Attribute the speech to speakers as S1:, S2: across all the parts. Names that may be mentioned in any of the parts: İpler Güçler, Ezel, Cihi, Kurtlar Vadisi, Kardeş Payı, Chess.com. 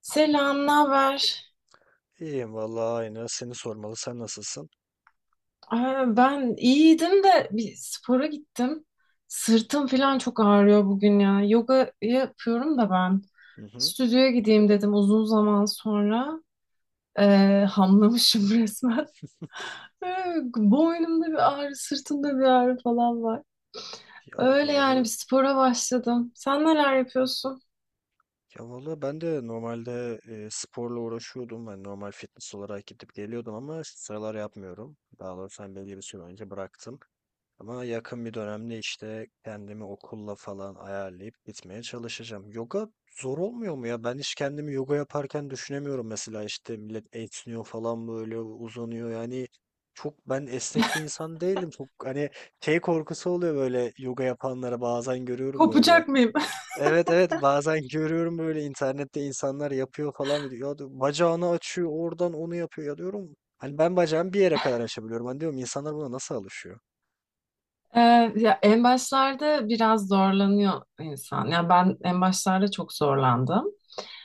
S1: Selam, ne haber?
S2: İyiyim vallahi aynı. Seni sormalı. Sen nasılsın?
S1: Aa, ben iyiydim de bir spora gittim. Sırtım falan çok ağrıyor bugün ya. Yoga yapıyorum da ben.
S2: Hı hı.
S1: Stüdyoya gideyim dedim uzun zaman sonra. Hamlamışım resmen. Ee, Boynumda bir ağrı, sırtımda bir ağrı falan var.
S2: Ya
S1: Öyle yani bir
S2: oraları.
S1: spora başladım. Sen neler yapıyorsun?
S2: Ya valla ben de normalde sporla uğraşıyordum. Ben normal fitness olarak gidip geliyordum ama şu sıralar yapmıyorum. Daha doğrusu ben belli bir süre önce bıraktım. Ama yakın bir dönemde işte kendimi okulla falan ayarlayıp gitmeye çalışacağım. Yoga zor olmuyor mu ya? Ben hiç kendimi yoga yaparken düşünemiyorum mesela işte millet esniyor falan böyle uzanıyor. Yani çok ben esnek bir insan değilim. Çok hani şey korkusu oluyor böyle yoga yapanlara bazen görüyorum böyle.
S1: Kopacak mıyım?
S2: Evet, evet, bazen görüyorum böyle internette insanlar yapıyor falan diyor. Ya diyor, bacağını açıyor oradan onu yapıyor ya diyorum. Hani ben bacağımı bir yere kadar açabiliyorum. Hani diyorum insanlar buna nasıl alışıyor?
S1: Ee, ya en başlarda biraz zorlanıyor insan. Ya ben en başlarda çok zorlandım.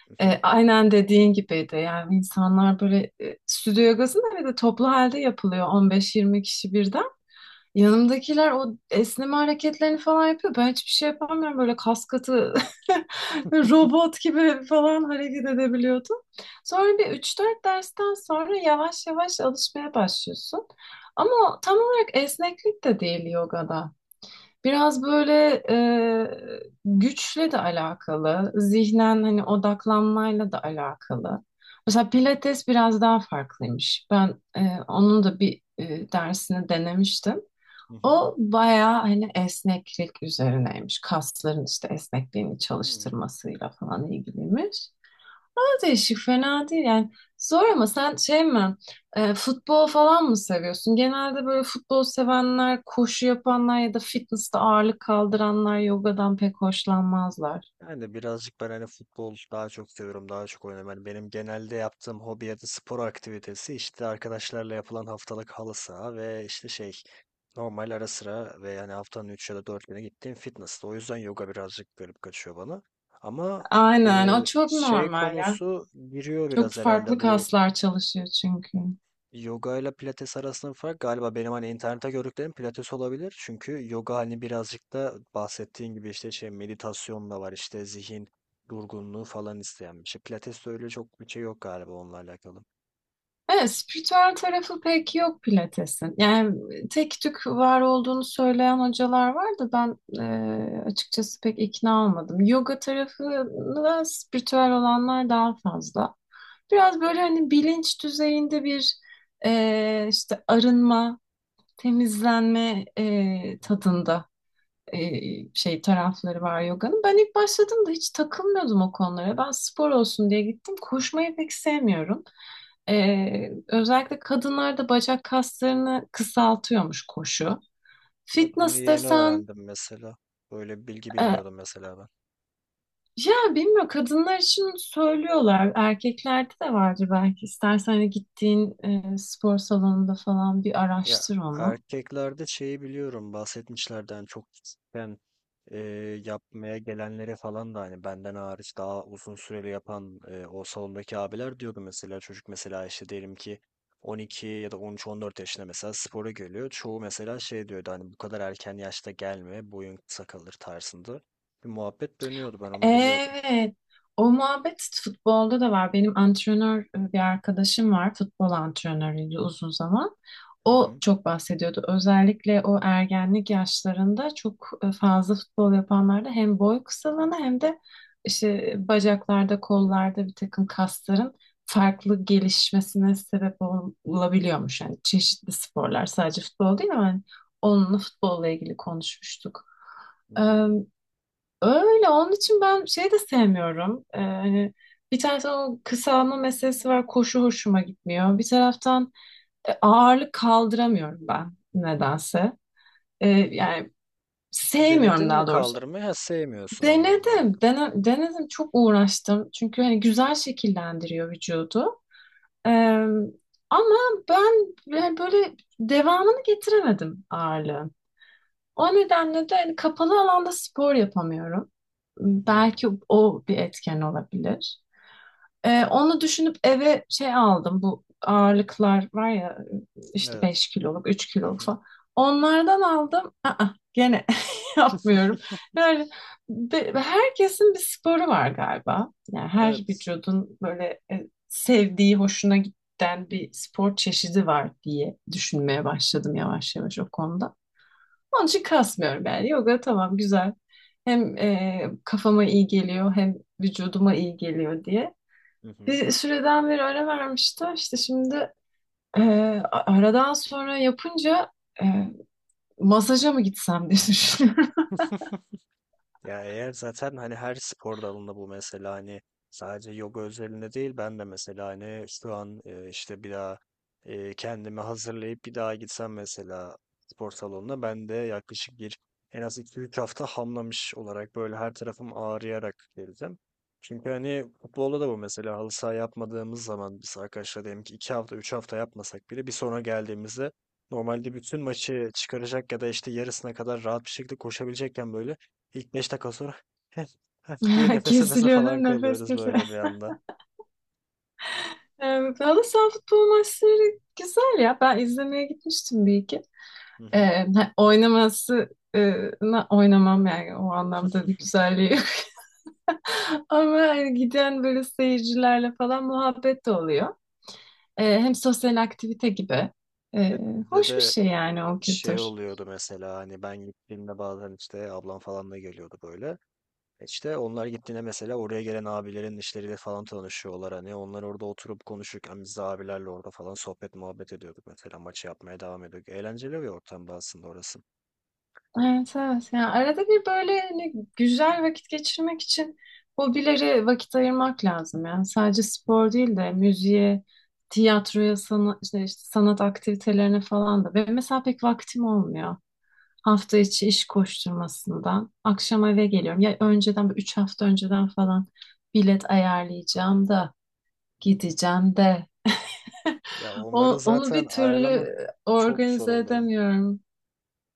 S2: Hı hı.
S1: Aynen dediğin gibiydi. Yani insanlar böyle stüdyo yogasında bir de toplu halde yapılıyor 15-20 kişi birden. Yanımdakiler o esneme hareketlerini falan yapıyor. Ben hiçbir şey yapamıyorum. Böyle kas katı robot gibi falan hareket edebiliyordum. Sonra bir üç dört dersten sonra yavaş yavaş alışmaya başlıyorsun. Ama o tam olarak esneklik de değil yogada. Biraz böyle güçle de alakalı, zihnen hani odaklanmayla da alakalı. Mesela Pilates biraz daha farklıymış. Ben onun da bir dersini denemiştim.
S2: Hı hı.
S1: O bayağı hani esneklik üzerineymiş. Kasların işte esnekliğini
S2: Hmm.
S1: çalıştırmasıyla falan ilgiliymiş. Değişik, fena değil yani. Zor ama sen şey mi, futbol falan mı seviyorsun? Genelde böyle futbol sevenler, koşu yapanlar ya da fitness'te ağırlık kaldıranlar yogadan pek hoşlanmazlar.
S2: Yani birazcık ben hani futbol daha çok seviyorum, daha çok oynuyorum. Hani benim genelde yaptığım hobi ya da spor aktivitesi işte arkadaşlarla yapılan haftalık halı saha ve işte şey normal ara sıra ve yani haftanın 3 ya da 4 güne gittiğim fitness'ta. O yüzden yoga birazcık garip kaçıyor bana. Ama
S1: Aynen,
S2: e,
S1: o çok
S2: şey
S1: normal ya.
S2: konusu giriyor
S1: Çok
S2: biraz
S1: farklı
S2: herhalde bu.
S1: kaslar çalışıyor çünkü.
S2: Yoga ile pilates arasında fark galiba benim hani internette gördüklerim pilates olabilir. Çünkü yoga hani birazcık da bahsettiğin gibi işte şey meditasyon da var işte zihin durgunluğu falan isteyen bir şey. Pilates de öyle çok bir şey yok galiba onunla alakalı.
S1: Evet, spiritüel tarafı pek yok Pilates'in. Yani tek tük var olduğunu söyleyen hocalar var da ben açıkçası pek ikna olmadım. Yoga tarafı da spiritüel olanlar daha fazla. Biraz böyle hani bilinç düzeyinde bir işte arınma, temizlenme
S2: Hı hı.
S1: tadında e, şey tarafları var yoganın. Ben ilk başladığımda hiç takılmıyordum o konulara. Ben spor olsun diye gittim. Koşmayı pek sevmiyorum. E, özellikle kadınlarda bacak kaslarını kısaltıyormuş koşu.
S2: Bak bunu
S1: Fitness
S2: yeni
S1: desen
S2: öğrendim mesela. Böyle bir bilgi
S1: e,
S2: bilmiyordum mesela ben.
S1: Ya bilmiyorum kadınlar için söylüyorlar. Erkeklerde de vardır belki. İstersen hani gittiğin spor salonunda falan bir
S2: Ya
S1: araştır onu.
S2: erkeklerde şeyi biliyorum bahsetmişlerden hani çok küçükken e, yapmaya gelenlere falan da hani benden hariç daha uzun süreli yapan o salondaki abiler diyordu mesela çocuk mesela işte diyelim ki 12 ya da 13-14 yaşında mesela spora geliyor. Çoğu mesela şey diyordu hani bu kadar erken yaşta gelme boyun kısa kalır tarzında bir muhabbet dönüyordu ben onu biliyordum.
S1: Evet. O muhabbet futbolda da var. Benim antrenör bir arkadaşım var. Futbol antrenörüydü uzun zaman.
S2: Hı
S1: O
S2: hı.
S1: çok bahsediyordu. Özellikle o ergenlik yaşlarında çok fazla futbol yapanlarda hem boy kısalığına hem de işte bacaklarda, kollarda bir takım kasların farklı gelişmesine sebep olabiliyormuş. Yani çeşitli sporlar sadece futbol değil ama hani onunla futbolla ilgili konuşmuştuk.
S2: Hmm.
S1: Öyle onun için ben şey de sevmiyorum. Hani bir taraftan o kısalma meselesi var koşu hoşuma gitmiyor. Bir taraftan ağırlık kaldıramıyorum ben nedense. Yani
S2: Denedin
S1: sevmiyorum
S2: mi
S1: daha doğrusu.
S2: kaldırmayı? Ha, sevmiyorsun, anladım,
S1: Denedim,
S2: anladım.
S1: denedim çok uğraştım. Çünkü hani güzel şekillendiriyor vücudu. Ee, ama ben yani böyle devamını getiremedim ağırlığın. O nedenle de hani kapalı alanda spor yapamıyorum.
S2: Hmm.
S1: Belki o bir etken olabilir. Onu düşünüp eve şey aldım. Bu ağırlıklar var ya işte
S2: Evet.
S1: 5 kiloluk, 3
S2: Hı
S1: kiloluk
S2: hı.
S1: falan. Onlardan aldım. Aa, gene yapmıyorum. Yani herkesin bir sporu var galiba. Yani her
S2: Evet.
S1: vücudun böyle sevdiği, hoşuna giden bir spor çeşidi var diye düşünmeye başladım yavaş yavaş o konuda. Onun için kasmıyorum yani. Yoga tamam güzel. Hem kafama iyi geliyor hem vücuduma iyi geliyor diye.
S2: Hı
S1: Bir süreden beri öyle vermişti. İşte şimdi e, aradan sonra yapınca e, masaja mı gitsem diye düşünüyorum.
S2: hı. Ya eğer zaten hani her spor dalında bu mesela hani sadece yoga özelinde değil ben de mesela hani şu an işte bir daha kendimi hazırlayıp bir daha gitsem mesela spor salonuna ben de yaklaşık bir en az iki üç hafta hamlamış olarak böyle her tarafım ağrıyarak geleceğim. Çünkü hani futbolda da bu mesela halı saha yapmadığımız zaman biz arkadaşlar diyelim ki 2 hafta 3 hafta yapmasak bile bir sonra geldiğimizde normalde bütün maçı çıkaracak ya da işte yarısına kadar rahat bir şekilde koşabilecekken böyle İlk 5 dakika sonra "Heh, heh" diye nefes nefese
S1: Kesiliyor değil
S2: falan
S1: mi? Nefes
S2: kalıyoruz
S1: kesiliyor.
S2: böyle bir anda.
S1: E, halı saha futbol maçları güzel ya. Ben izlemeye gitmiştim bir iki.
S2: Hı
S1: E,
S2: hı.
S1: ha, oynaması e, oynamam yani o anlamda bir güzelliği. Ama hani giden böyle seyircilerle falan muhabbet de oluyor. Hem sosyal aktivite gibi.
S2: Ve
S1: Ee,
S2: bizde
S1: hoş bir
S2: de
S1: şey yani o
S2: şey
S1: kültür.
S2: oluyordu mesela hani ben gittiğimde bazen işte ablam falan da geliyordu böyle. İşte onlar gittiğinde mesela oraya gelen abilerin işleriyle falan tanışıyorlar hani onlar orada oturup konuşurken biz de abilerle orada falan sohbet muhabbet ediyorduk mesela maçı yapmaya devam ediyorduk. Eğlenceli bir ortamda aslında orası.
S1: Evet, evet. Yani arada bir böyle hani güzel vakit geçirmek için hobilere vakit ayırmak lazım. Yani sadece
S2: Hı hı,
S1: spor değil de müziğe, tiyatroya, sana, işte sanat aktivitelerine falan da. Ve mesela pek vaktim olmuyor. Hafta içi iş koşturmasından. Akşam eve geliyorum. Ya önceden, böyle üç hafta önceden falan bilet ayarlayacağım da
S2: hı hı.
S1: gideceğim de.
S2: Ya onları
S1: Onu
S2: zaten
S1: bir türlü
S2: ayarlamak çok zor
S1: organize
S2: oluyor.
S1: edemiyorum.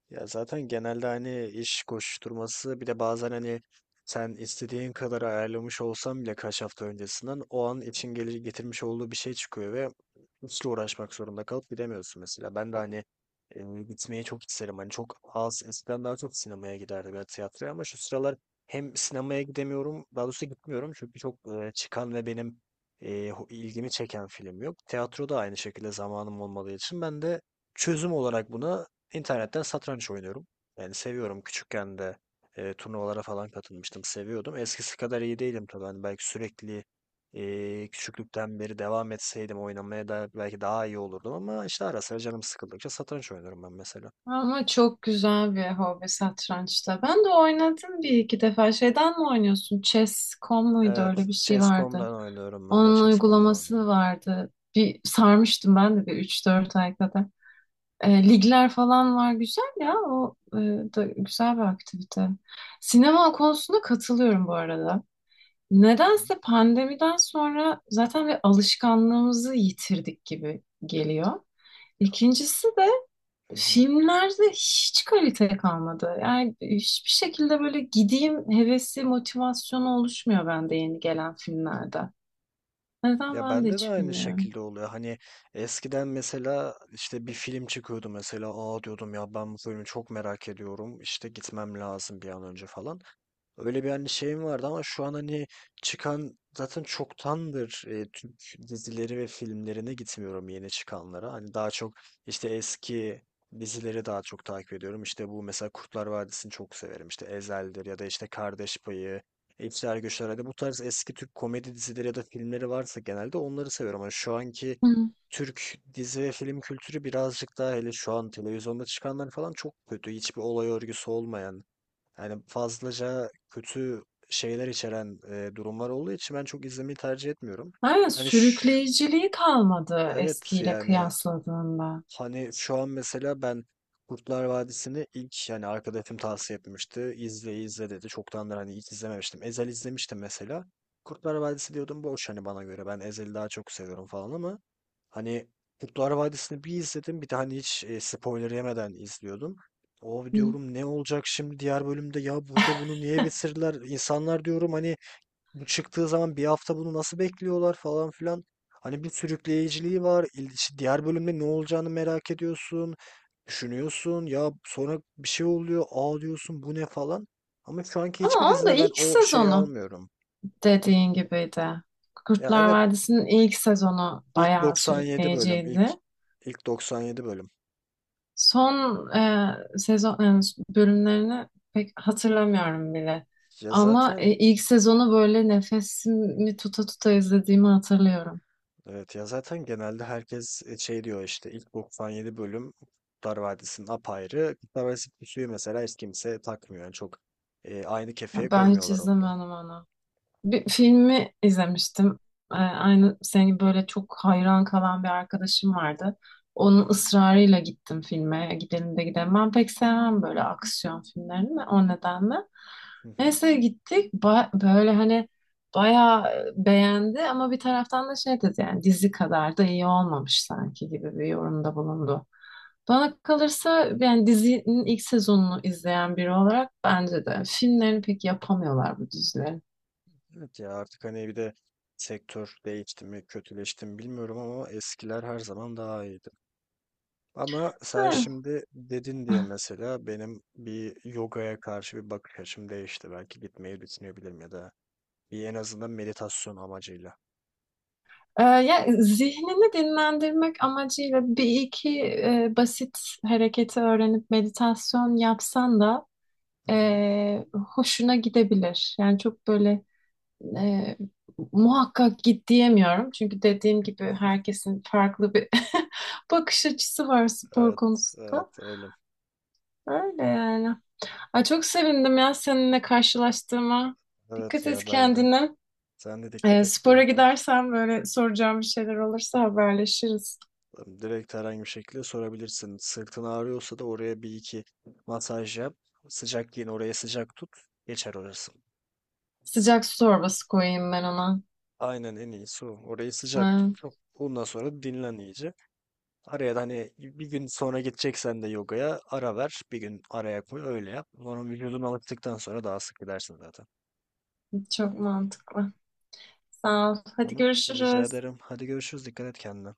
S2: Ya zaten genelde hani iş koşturması bir de bazen hani sen istediğin kadar ayarlamış olsan bile kaç hafta öncesinden o an için getirmiş olduğu bir şey çıkıyor ve hiç uğraşmak zorunda kalıp gidemiyorsun mesela. Ben de hani gitmeyi çok isterim. Hani çok az eskiden daha çok sinemaya giderdim ya tiyatroya ama şu sıralar hem sinemaya gidemiyorum daha doğrusu gitmiyorum çünkü çok çıkan ve benim ilgimi çeken film yok. Tiyatro da aynı şekilde zamanım olmadığı için ben de çözüm olarak buna İnternetten satranç oynuyorum. Yani seviyorum. Küçükken de turnuvalara falan katılmıştım. Seviyordum. Eskisi kadar iyi değilim tabii. Hani belki sürekli küçüklükten beri devam etseydim oynamaya da belki daha iyi olurdum. Ama işte ara sıra canım sıkıldıkça satranç oynuyorum ben mesela.
S1: Ama çok güzel bir hobi satrançta. Ben de oynadım bir iki defa. Şeyden mi oynuyorsun? Chess.com muydu?
S2: Evet.
S1: Öyle bir şey vardı.
S2: Chess.com'dan oynuyorum. Ben de
S1: Onun
S2: Chess.com'dan
S1: uygulaması
S2: oynuyorum.
S1: vardı. Bir sarmıştım ben de bir üç dört ay kadar. Ligler falan var. Güzel ya. O da güzel bir aktivite. Sinema konusunda katılıyorum bu arada.
S2: Hı hı.
S1: Nedense pandemiden sonra zaten bir alışkanlığımızı yitirdik gibi geliyor. İkincisi,
S2: Hı hı.
S1: filmlerde hiç kalite kalmadı. Yani hiçbir şekilde böyle gideyim hevesi, motivasyonu oluşmuyor bende yeni gelen filmlerde. Neden
S2: Ya
S1: ben de
S2: bende de
S1: hiç
S2: aynı
S1: bilmiyorum.
S2: şekilde oluyor. Hani eskiden mesela işte bir film çıkıyordu mesela, aa diyordum ya ben bu filmi çok merak ediyorum, İşte gitmem lazım bir an önce falan. Öyle bir hani şeyim vardı ama şu an hani çıkan zaten çoktandır Türk dizileri ve filmlerine gitmiyorum yeni çıkanlara. Hani daha çok işte eski dizileri daha çok takip ediyorum. İşte bu mesela Kurtlar Vadisi'ni çok severim. İşte Ezel'dir ya da işte Kardeş Payı, İpler Güçler. Hani bu tarz eski Türk komedi dizileri ya da filmleri varsa genelde onları seviyorum. Ama şu anki
S1: Hı.
S2: Türk dizi ve film kültürü birazcık daha hele şu an televizyonda çıkanlar falan çok kötü. Hiçbir olay örgüsü olmayan. Yani fazlaca kötü şeyler içeren durumlar olduğu için ben çok izlemeyi tercih etmiyorum.
S1: Aynen
S2: Hani şu,
S1: sürükleyiciliği kalmadı
S2: evet
S1: eskiyle
S2: yani
S1: kıyasladığında.
S2: hani şu an mesela ben Kurtlar Vadisi'ni ilk yani arkadaşım tavsiye etmişti. İzle, izle dedi. Çoktandır hani hiç izlememiştim. Ezel izlemiştim mesela. Kurtlar Vadisi diyordum boş hani bana göre. Ben Ezel'i daha çok seviyorum falan ama hani Kurtlar Vadisi'ni bir izledim. Bir de hani hiç spoiler yemeden izliyordum. O
S1: Hı.
S2: diyorum ne olacak şimdi diğer bölümde, ya burada bunu niye bitirdiler? İnsanlar diyorum hani bu çıktığı zaman bir hafta bunu nasıl bekliyorlar falan filan. Hani bir sürükleyiciliği var. İşte diğer bölümde ne olacağını merak ediyorsun. Düşünüyorsun ya sonra bir şey oluyor. Aa diyorsun bu ne falan. Ama şu anki hiçbir
S1: Ama onun da
S2: dizide ben
S1: ilk
S2: o şeyi
S1: sezonu
S2: almıyorum.
S1: dediğin gibiydi.
S2: Ya
S1: Kurtlar
S2: evet,
S1: Vadisi'nin ilk sezonu
S2: ilk
S1: bayağı
S2: 97 bölüm. ilk
S1: sürükleyiciydi.
S2: ilk 97 bölüm.
S1: Son sezon bölümlerini pek hatırlamıyorum bile.
S2: Ya
S1: Ama
S2: zaten
S1: ilk sezonu böyle nefesimi tuta tuta izlediğimi hatırlıyorum.
S2: Evet ya zaten genelde herkes şey diyor işte ilk 97 bölüm Kurtlar Vadisi'nin apayrı. Kurtlar Vadisi suyu mesela hiç kimse takmıyor. Yani çok aynı kefeye
S1: Ben hiç
S2: koymuyorlar onu
S1: izlemedim
S2: da.
S1: onu. Bir filmi izlemiştim. Aynı senin gibi böyle çok hayran kalan bir arkadaşım vardı.
S2: Hı
S1: Onun
S2: hı,
S1: ısrarıyla gittim filme. Gidelim de gidelim. Ben pek sevmem böyle aksiyon filmlerini o nedenle.
S2: hı hı.
S1: Neyse gittik. Böyle hani bayağı beğendi ama bir taraftan da şey dedi yani dizi kadar da iyi olmamış sanki gibi bir yorumda bulundu. Bana kalırsa yani dizinin ilk sezonunu izleyen biri olarak bence de filmlerini pek yapamıyorlar bu dizileri.
S2: Evet ya artık hani bir de sektör değişti mi kötüleşti mi bilmiyorum ama eskiler her zaman daha iyiydi. Ama sen şimdi dedin diye mesela benim bir yogaya karşı bir bakış açım değişti. Belki gitmeyi düşünebilirim ya da bir en azından meditasyon amacıyla.
S1: Ya zihnini dinlendirmek amacıyla bir iki basit hareketi öğrenip meditasyon yapsan da
S2: Hı hı.
S1: e, hoşuna gidebilir. Yani çok böyle e, muhakkak git diyemiyorum. Çünkü dediğim gibi herkesin farklı bir bakış açısı var spor
S2: Evet,
S1: konusunda.
S2: evet öyle.
S1: Öyle yani. Ay, çok sevindim ya seninle karşılaştığıma.
S2: Evet
S1: Dikkat et
S2: ya ben de.
S1: kendine.
S2: Sen de dikkat
S1: E,
S2: et,
S1: spora
S2: görüşürüz.
S1: gidersen böyle soracağım bir şeyler olursa haberleşiriz.
S2: Direkt herhangi bir şekilde sorabilirsin. Sırtın ağrıyorsa da oraya bir iki masaj yap. Sıcak giyin, oraya sıcak tut. Geçer orası.
S1: Sıcak su torbası koyayım ben ona.
S2: Aynen, en iyisi o. Orayı sıcak tut.
S1: Ay,
S2: Ondan sonra dinlen iyice. Araya da hani bir gün sonra gideceksen de yogaya ara ver. Bir gün araya koy, öyle yap. Sonra vücudun alıştıktan sonra daha sık gidersin zaten.
S1: çok mantıklı. Sağ ol. Hadi
S2: Tamam. Rica
S1: görüşürüz.
S2: ederim. Hadi görüşürüz. Dikkat et kendine.